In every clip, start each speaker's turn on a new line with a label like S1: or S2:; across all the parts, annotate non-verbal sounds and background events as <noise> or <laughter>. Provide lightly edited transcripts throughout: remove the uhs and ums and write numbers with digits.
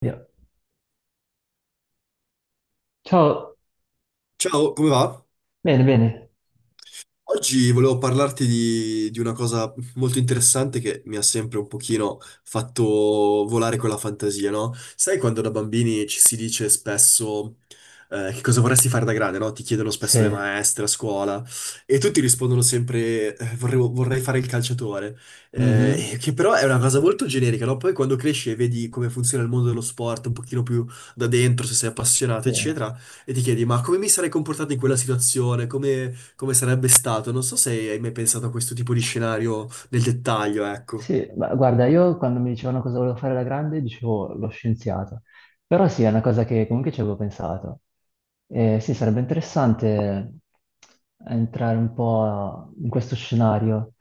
S1: Via. Ciao,
S2: Ciao, come va?
S1: bene, bene.
S2: Oggi volevo parlarti di una cosa molto interessante che mi ha sempre un pochino fatto volare con la fantasia, no? Sai quando da bambini ci si dice spesso che cosa vorresti fare da grande, no? Ti chiedono
S1: Sì.
S2: spesso le maestre a scuola e tutti rispondono sempre vorrei fare il calciatore.
S1: Mhm.
S2: Che però è una cosa molto generica, no? Poi quando cresci e vedi come funziona il mondo dello sport un pochino più da dentro, se sei appassionato,
S1: Sì.
S2: eccetera, e ti chiedi, ma come mi sarei comportato in quella situazione? Come, come sarebbe stato? Non so se hai mai pensato a questo tipo di scenario nel dettaglio, ecco.
S1: Sì, ma guarda, io quando mi dicevano cosa volevo fare da grande dicevo lo scienziato, però sì, è una cosa che comunque ci avevo pensato. Sì, sarebbe interessante entrare un po' in questo scenario.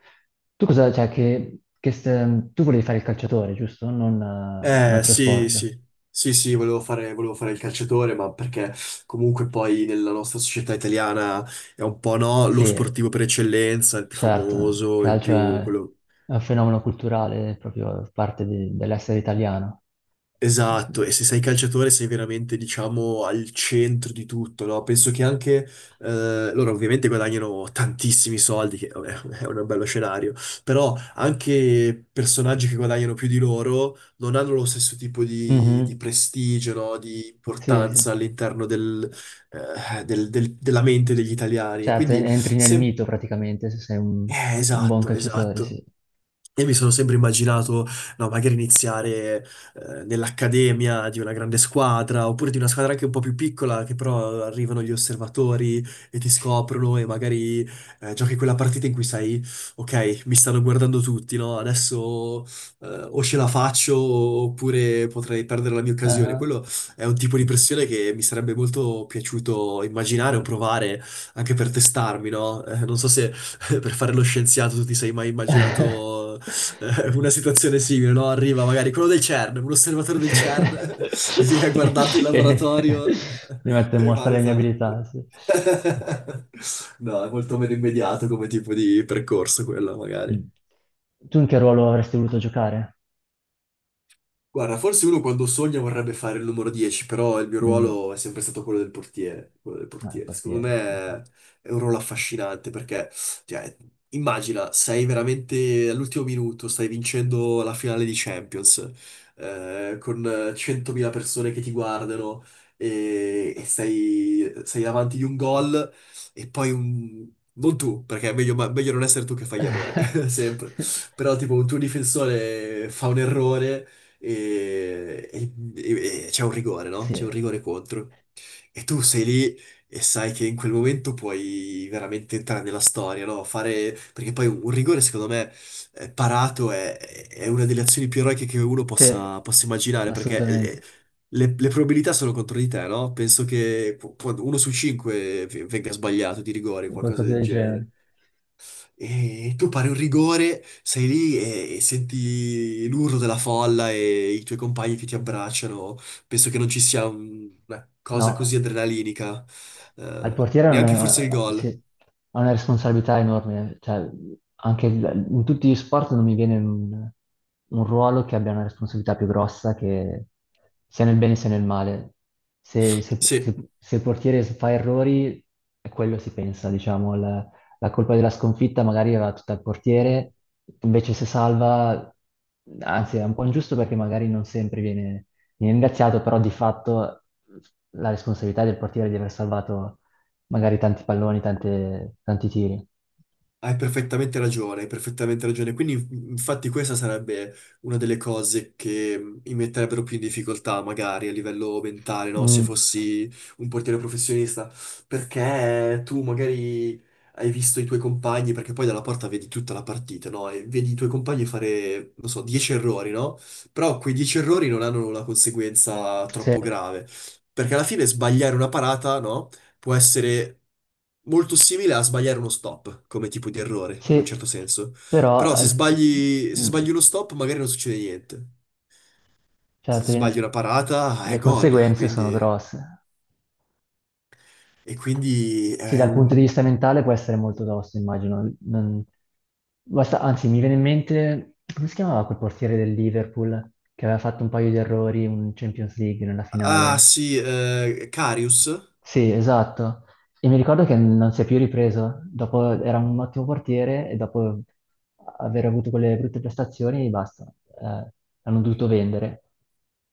S1: Tu cosa, cioè, tu volevi fare il calciatore, giusto? Non un altro
S2: Sì,
S1: sport.
S2: sì. Sì, sì, volevo fare il calciatore, ma perché comunque poi nella nostra società italiana è un po', no, lo
S1: Sì,
S2: sportivo per eccellenza, il più
S1: certo,
S2: famoso, il più, quello.
S1: è un fenomeno culturale, è proprio dell'essere italiano. Mhm.
S2: Esatto, e se sei calciatore sei veramente, diciamo, al centro di tutto, no? Penso che anche loro ovviamente guadagnano tantissimi soldi, che vabbè, <laughs> è un bello scenario, però anche personaggi che guadagnano più di loro non hanno lo stesso tipo di prestigio, no? Di
S1: Sì,
S2: importanza
S1: sì.
S2: all'interno della mente degli italiani. E
S1: Certo,
S2: quindi,
S1: entri nel
S2: se,
S1: mito praticamente se sei un buon
S2: esatto,
S1: calciatore,
S2: esatto.
S1: sì.
S2: Io mi sono sempre immaginato, no, magari iniziare nell'accademia di una grande squadra, oppure di una squadra anche un po' più piccola, che però arrivano gli osservatori e ti scoprono e magari giochi quella partita in cui sai, ok, mi stanno guardando tutti, no? Adesso o ce la faccio oppure potrei perdere la mia occasione.
S1: Ah.
S2: Quello è un tipo di pressione che mi sarebbe molto piaciuto immaginare o provare anche per testarmi, no? Non so se <laughs> per fare lo scienziato, tu ti sei mai immaginato una situazione simile, no? Arriva magari quello del CERN, un osservatore del
S1: Sì.
S2: CERN,
S1: <laughs>
S2: <laughs> viene a guardarti in
S1: Sì. <laughs> Che
S2: laboratorio
S1: mi metto
S2: <laughs>
S1: in
S2: e
S1: mostra le mie
S2: valuta.
S1: abilità, sì.
S2: <laughs> No, è molto meno immediato come tipo di percorso quello, magari.
S1: Mm. Tu in che ruolo avresti voluto giocare?
S2: Guarda, forse uno quando sogna vorrebbe fare il numero 10, però il mio
S1: Mm.
S2: ruolo è sempre stato quello del portiere, quello del
S1: Ah, il
S2: portiere. Secondo
S1: portiere,
S2: me
S1: sì, sì.
S2: è un ruolo affascinante perché, cioè, immagina, sei veramente all'ultimo minuto, stai vincendo la finale di Champions, con 100.000 persone che ti guardano e sei davanti di un gol e poi un, non tu, perché è meglio, meglio non essere tu che fai gli errori, <laughs> sempre.
S1: <laughs>
S2: Però tipo un tuo difensore fa un errore e c'è un rigore, no?
S1: Sì,
S2: C'è un rigore contro. E tu sei lì e sai che in quel momento puoi veramente entrare nella storia, no? Fare. Perché poi un rigore, secondo me, parato è una delle azioni più eroiche che uno
S1: sì,
S2: possa immaginare, perché... eh,
S1: assolutamente,
S2: Le, le probabilità sono contro di te, no? Penso che quando uno su cinque venga sbagliato di rigore, qualcosa
S1: qualcosa
S2: del
S1: del genere.
S2: genere. E tu pari un rigore, sei lì e senti l'urlo della folla e i tuoi compagni che ti abbracciano. Penso che non ci sia una cosa
S1: No.
S2: così adrenalinica,
S1: Ma il portiere
S2: neanche forse il gol.
S1: ha una responsabilità enorme, cioè anche in tutti gli sport non mi viene un ruolo che abbia una responsabilità più grossa, che sia nel bene sia nel male. Se, se-
S2: Sì.
S1: se- se il portiere fa errori, è quello si pensa, diciamo, la colpa della sconfitta magari va tutta al portiere, invece se salva, anzi è un po' ingiusto perché magari non sempre viene ringraziato, però di fatto la responsabilità del portiere di aver salvato magari tanti palloni, tanti tiri.
S2: Hai perfettamente ragione, hai perfettamente ragione. Quindi, infatti, questa sarebbe una delle cose che mi metterebbero più in difficoltà, magari a livello mentale, no? Se
S1: Mm,
S2: fossi un portiere professionista, perché tu magari hai visto i tuoi compagni, perché poi dalla porta vedi tutta la partita, no? E vedi i tuoi compagni fare, non so, 10 errori, no? Però quei 10 errori non hanno una conseguenza
S1: sì,
S2: troppo grave. Perché alla fine sbagliare una parata, no? Può essere molto simile a sbagliare uno stop come tipo di errore, in un certo
S1: sì,
S2: senso. Però
S1: però
S2: se sbagli
S1: mm,
S2: uno stop, magari non succede niente.
S1: cioè, alla
S2: Se sbagli
S1: fine
S2: una parata, è
S1: le
S2: gol.
S1: conseguenze sono
S2: Quindi,
S1: grosse.
S2: e quindi
S1: Sì,
S2: è
S1: dal punto di
S2: un.
S1: vista mentale può essere molto tosto, immagino. Anzi, mi viene in mente, come si chiamava quel portiere del Liverpool che aveva fatto un paio di errori in Champions League nella
S2: Ah
S1: finale?
S2: sì, Karius,
S1: Sì, esatto. E mi ricordo che non si è più ripreso. Dopo era un ottimo portiere e dopo aver avuto quelle brutte prestazioni, basta. Eh, hanno dovuto vendere.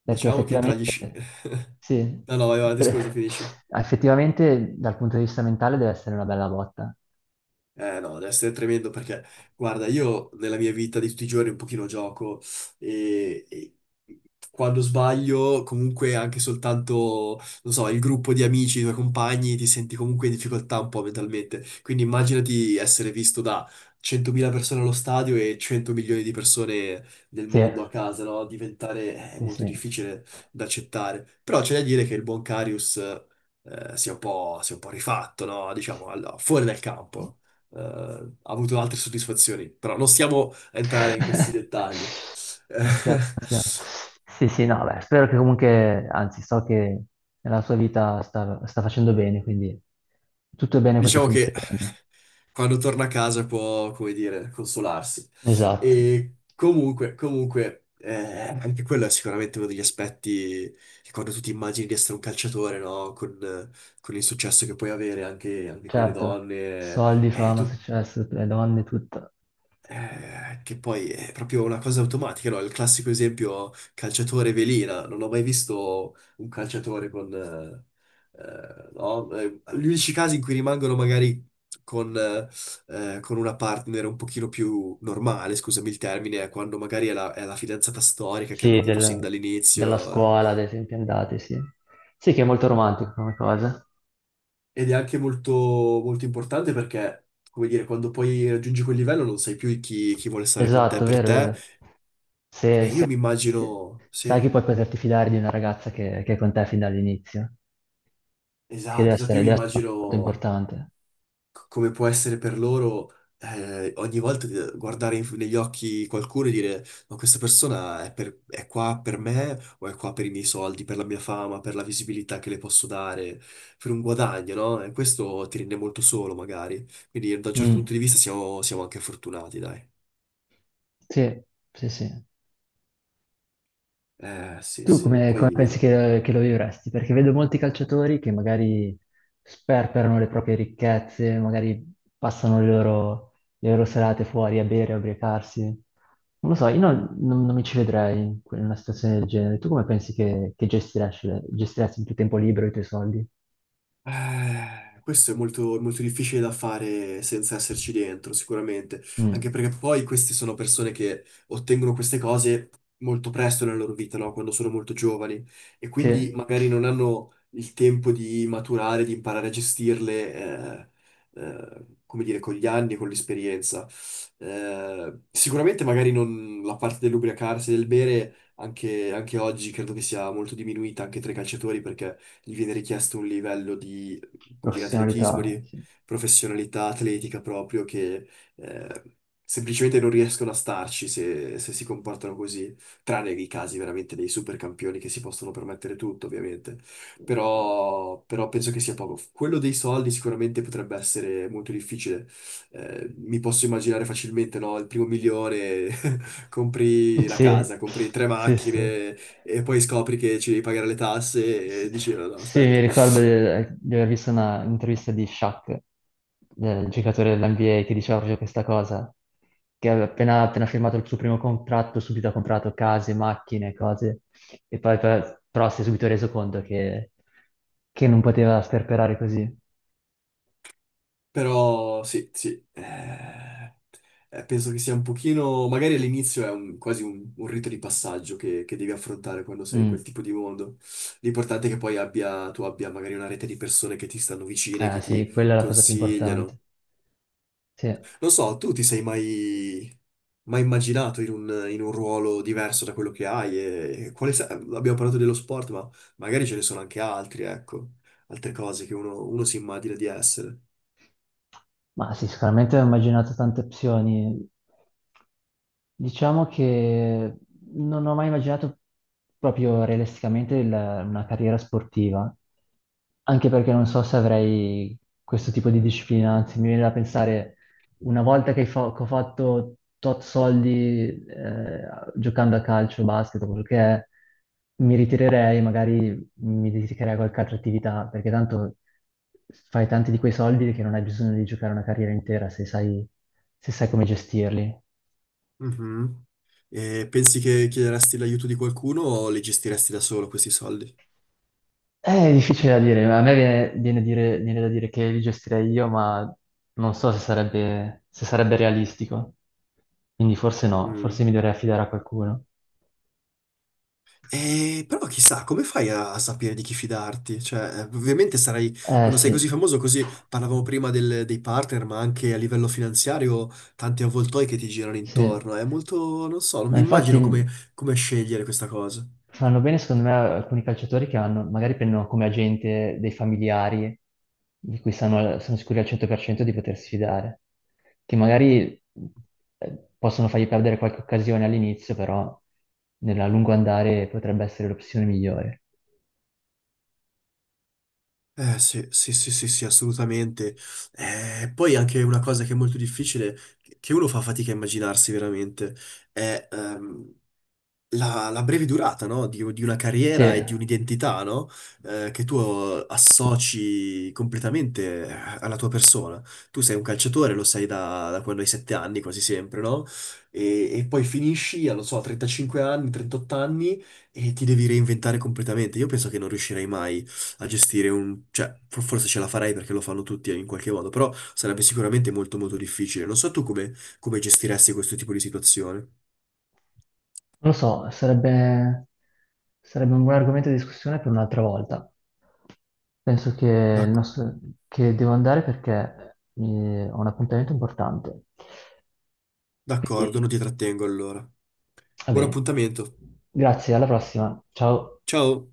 S1: Perché
S2: diciamo che
S1: effettivamente,
S2: <laughs>
S1: sì,
S2: No, no, vai avanti, scusa,
S1: per-
S2: finisci.
S1: <laughs> effettivamente dal punto di vista mentale deve essere una bella botta.
S2: Eh no, deve essere tremendo perché, guarda, io nella mia vita di tutti i giorni un pochino gioco e quando sbaglio, comunque anche soltanto, non so, il gruppo di amici, i tuoi compagni, ti senti comunque in difficoltà un po' mentalmente. Quindi immaginati essere visto da 100.000 persone allo stadio e 100 milioni di persone nel
S1: Sì,
S2: mondo a casa, no? Diventare è
S1: sì,
S2: molto
S1: sì.
S2: difficile da accettare. Però c'è da dire che il buon Karius, si è un po' rifatto, no? Diciamo, allora, fuori dal campo ha avuto altre soddisfazioni, però non stiamo a entrare in questi dettagli.
S1: <laughs> Non
S2: <laughs>
S1: stiamo, non stiamo.
S2: Eh,
S1: Sì, sì, no, beh, spero che comunque, anzi, so che nella sua vita sta facendo bene, quindi tutto è bene quel che
S2: diciamo
S1: finisce
S2: che
S1: bene.
S2: quando torna a casa può, come dire, consolarsi.
S1: Esatto,
S2: E comunque, anche quello è sicuramente uno degli aspetti che quando tu ti immagini di essere un calciatore, no? Con il successo che puoi avere anche con le
S1: certo,
S2: donne,
S1: soldi, fama,
S2: tu
S1: successo, le donne, tutto.
S2: Che poi è proprio una cosa automatica, no? Il classico esempio calciatore velina. Non ho mai visto un calciatore con, no? Gli unici casi in cui rimangono magari con, eh, con una partner un pochino più normale, scusami il termine, è quando magari è è la fidanzata storica che hanno
S1: Sì,
S2: avuto sin
S1: della
S2: dall'inizio.
S1: scuola, ad esempio, andate, sì. Sì, che è molto romantico come cosa.
S2: Ed è anche molto, molto importante perché, come dire, quando poi raggiungi quel livello non sai più chi vuole stare con te
S1: Esatto,
S2: per
S1: vero,
S2: te.
S1: vero. Se,
S2: Io
S1: se-
S2: mi
S1: se-
S2: immagino,
S1: Sai
S2: sì.
S1: che puoi poterti fidare di una ragazza che è con te fin dall'inizio. Che
S2: Esatto, esatto, io mi
S1: deve essere molto
S2: immagino
S1: importante.
S2: come può essere per loro ogni volta guardare negli occhi qualcuno e dire ma questa persona è, è qua per me o è qua per i miei soldi, per la mia fama, per la visibilità che le posso dare, per un guadagno, no? E questo ti rende molto solo magari, quindi da un certo punto
S1: Mm.
S2: di vista siamo anche fortunati, dai.
S1: Sì, sì, sì.
S2: Eh sì,
S1: Tu
S2: sì,
S1: come
S2: poi
S1: pensi
S2: no.
S1: che lo vivresti? Perché vedo molti calciatori che magari sperperano le proprie ricchezze, magari passano le loro serate fuori a bere, a ubriacarsi. Non lo so, io non, non- non mi ci vedrei in in una situazione del genere. Tu come pensi che gestiresti il tuo tempo libero, i tuoi soldi?
S2: Questo è molto, molto difficile da fare senza esserci dentro, sicuramente, anche
S1: Mm.
S2: perché poi queste sono persone che ottengono queste cose molto presto nella loro vita, no? Quando sono molto giovani e
S1: Sì,
S2: quindi magari non hanno il tempo di maturare, di imparare a gestirle, eh, come dire, con gli anni, con l'esperienza. Sicuramente magari non la parte dell'ubriacarsi, del bere, anche oggi credo che sia molto diminuita anche tra i calciatori perché gli viene richiesto un livello di, come dire, atletismo,
S1: professionalità.
S2: di
S1: Sì,
S2: professionalità atletica proprio che eh, semplicemente non riescono a starci se si comportano così, tranne i casi veramente dei super campioni che si possono permettere tutto, ovviamente. Però penso che sia poco. Quello dei soldi sicuramente potrebbe essere molto difficile. Mi posso immaginare facilmente, no? Il primo milione <laughs>
S1: <laughs>
S2: compri la
S1: sì,
S2: casa, compri tre
S1: sì, sì.
S2: macchine e poi scopri che ci devi pagare le tasse
S1: S-
S2: e dici no, no,
S1: Sì, mi
S2: aspetta.
S1: ricordo di aver visto una intervista di Shaq, del giocatore dell'NBA, che diceva proprio questa cosa, che aveva appena firmato il suo primo contratto, subito ha comprato case, macchine, cose, e poi però si è subito reso conto che non poteva sperperare così.
S2: Però sì, sì, penso che sia un pochino, magari all'inizio è quasi un rito di passaggio che devi affrontare quando sei in quel
S1: Mm.
S2: tipo di mondo. L'importante è che poi abbia, tu abbia magari una rete di persone che ti stanno vicine, che ti
S1: Sì, quella è la cosa più importante.
S2: consigliano.
S1: Sì.
S2: Non so, tu ti sei mai immaginato in in un ruolo diverso da quello che hai? E quale abbiamo parlato dello sport, ma magari ce ne sono anche altri, ecco, altre cose che uno si immagina di essere.
S1: Ma sì, sicuramente ho immaginato tante opzioni. Diciamo che non ho mai immaginato proprio realisticamente una carriera sportiva, anche perché non so se avrei questo tipo di disciplina, anzi mi viene da pensare, una volta che, che ho fatto tot soldi giocando a calcio, basket, o quello che è, mi ritirerei, magari mi dedicherei a qualche altra attività, perché tanto fai tanti di quei soldi che non hai bisogno di giocare una carriera intera se sai come gestirli.
S2: Mhm. E pensi che chiederesti l'aiuto di qualcuno o li gestiresti da solo questi soldi?
S1: È difficile da dire, ma a me viene, viene da dire che li gestirei io, ma non so se sarebbe, se sarebbe realistico. Quindi forse no, forse
S2: Mm.
S1: mi dovrei affidare a qualcuno.
S2: Però chissà, come fai a sapere di chi fidarti? Cioè, ovviamente sarai,
S1: Eh
S2: quando sei così
S1: sì,
S2: famoso, così parlavamo prima dei partner, ma anche a livello finanziario, tanti avvoltoi che ti girano
S1: sì.
S2: intorno. È molto, non so, non
S1: Ma
S2: mi immagino
S1: infatti
S2: come, scegliere questa cosa.
S1: fanno bene, secondo me, alcuni calciatori che hanno, magari prendono come agente dei familiari di cui sono sicuri al 100% di potersi fidare, che magari possono fargli perdere qualche occasione all'inizio, però nel lungo andare potrebbe essere l'opzione migliore.
S2: Eh sì, sì, sì, sì, sì, assolutamente. Poi anche una cosa che è molto difficile, che uno fa fatica a immaginarsi veramente, è la breve durata, no? Di una
S1: Sì,
S2: carriera e di
S1: non
S2: un'identità, no? Che tu associ completamente alla tua persona. Tu sei un calciatore, lo sei da quando hai 7 anni, quasi sempre, no? E poi finisci, a, non so, a 35 anni, 38 anni e ti devi reinventare completamente. Io penso che non riuscirei mai a gestire un, cioè, forse ce la farei perché lo fanno tutti in qualche modo, però sarebbe sicuramente molto molto difficile. Non so tu come, gestiresti questo tipo di situazione.
S1: lo so, sarebbe, sarebbe un buon argomento di discussione per un'altra volta. Penso il nostro- che devo andare perché ho un appuntamento importante.
S2: D'accordo,
S1: Quindi,
S2: non ti trattengo allora.
S1: va
S2: Buon
S1: bene.
S2: appuntamento.
S1: Grazie, alla prossima. Ciao.
S2: Ciao.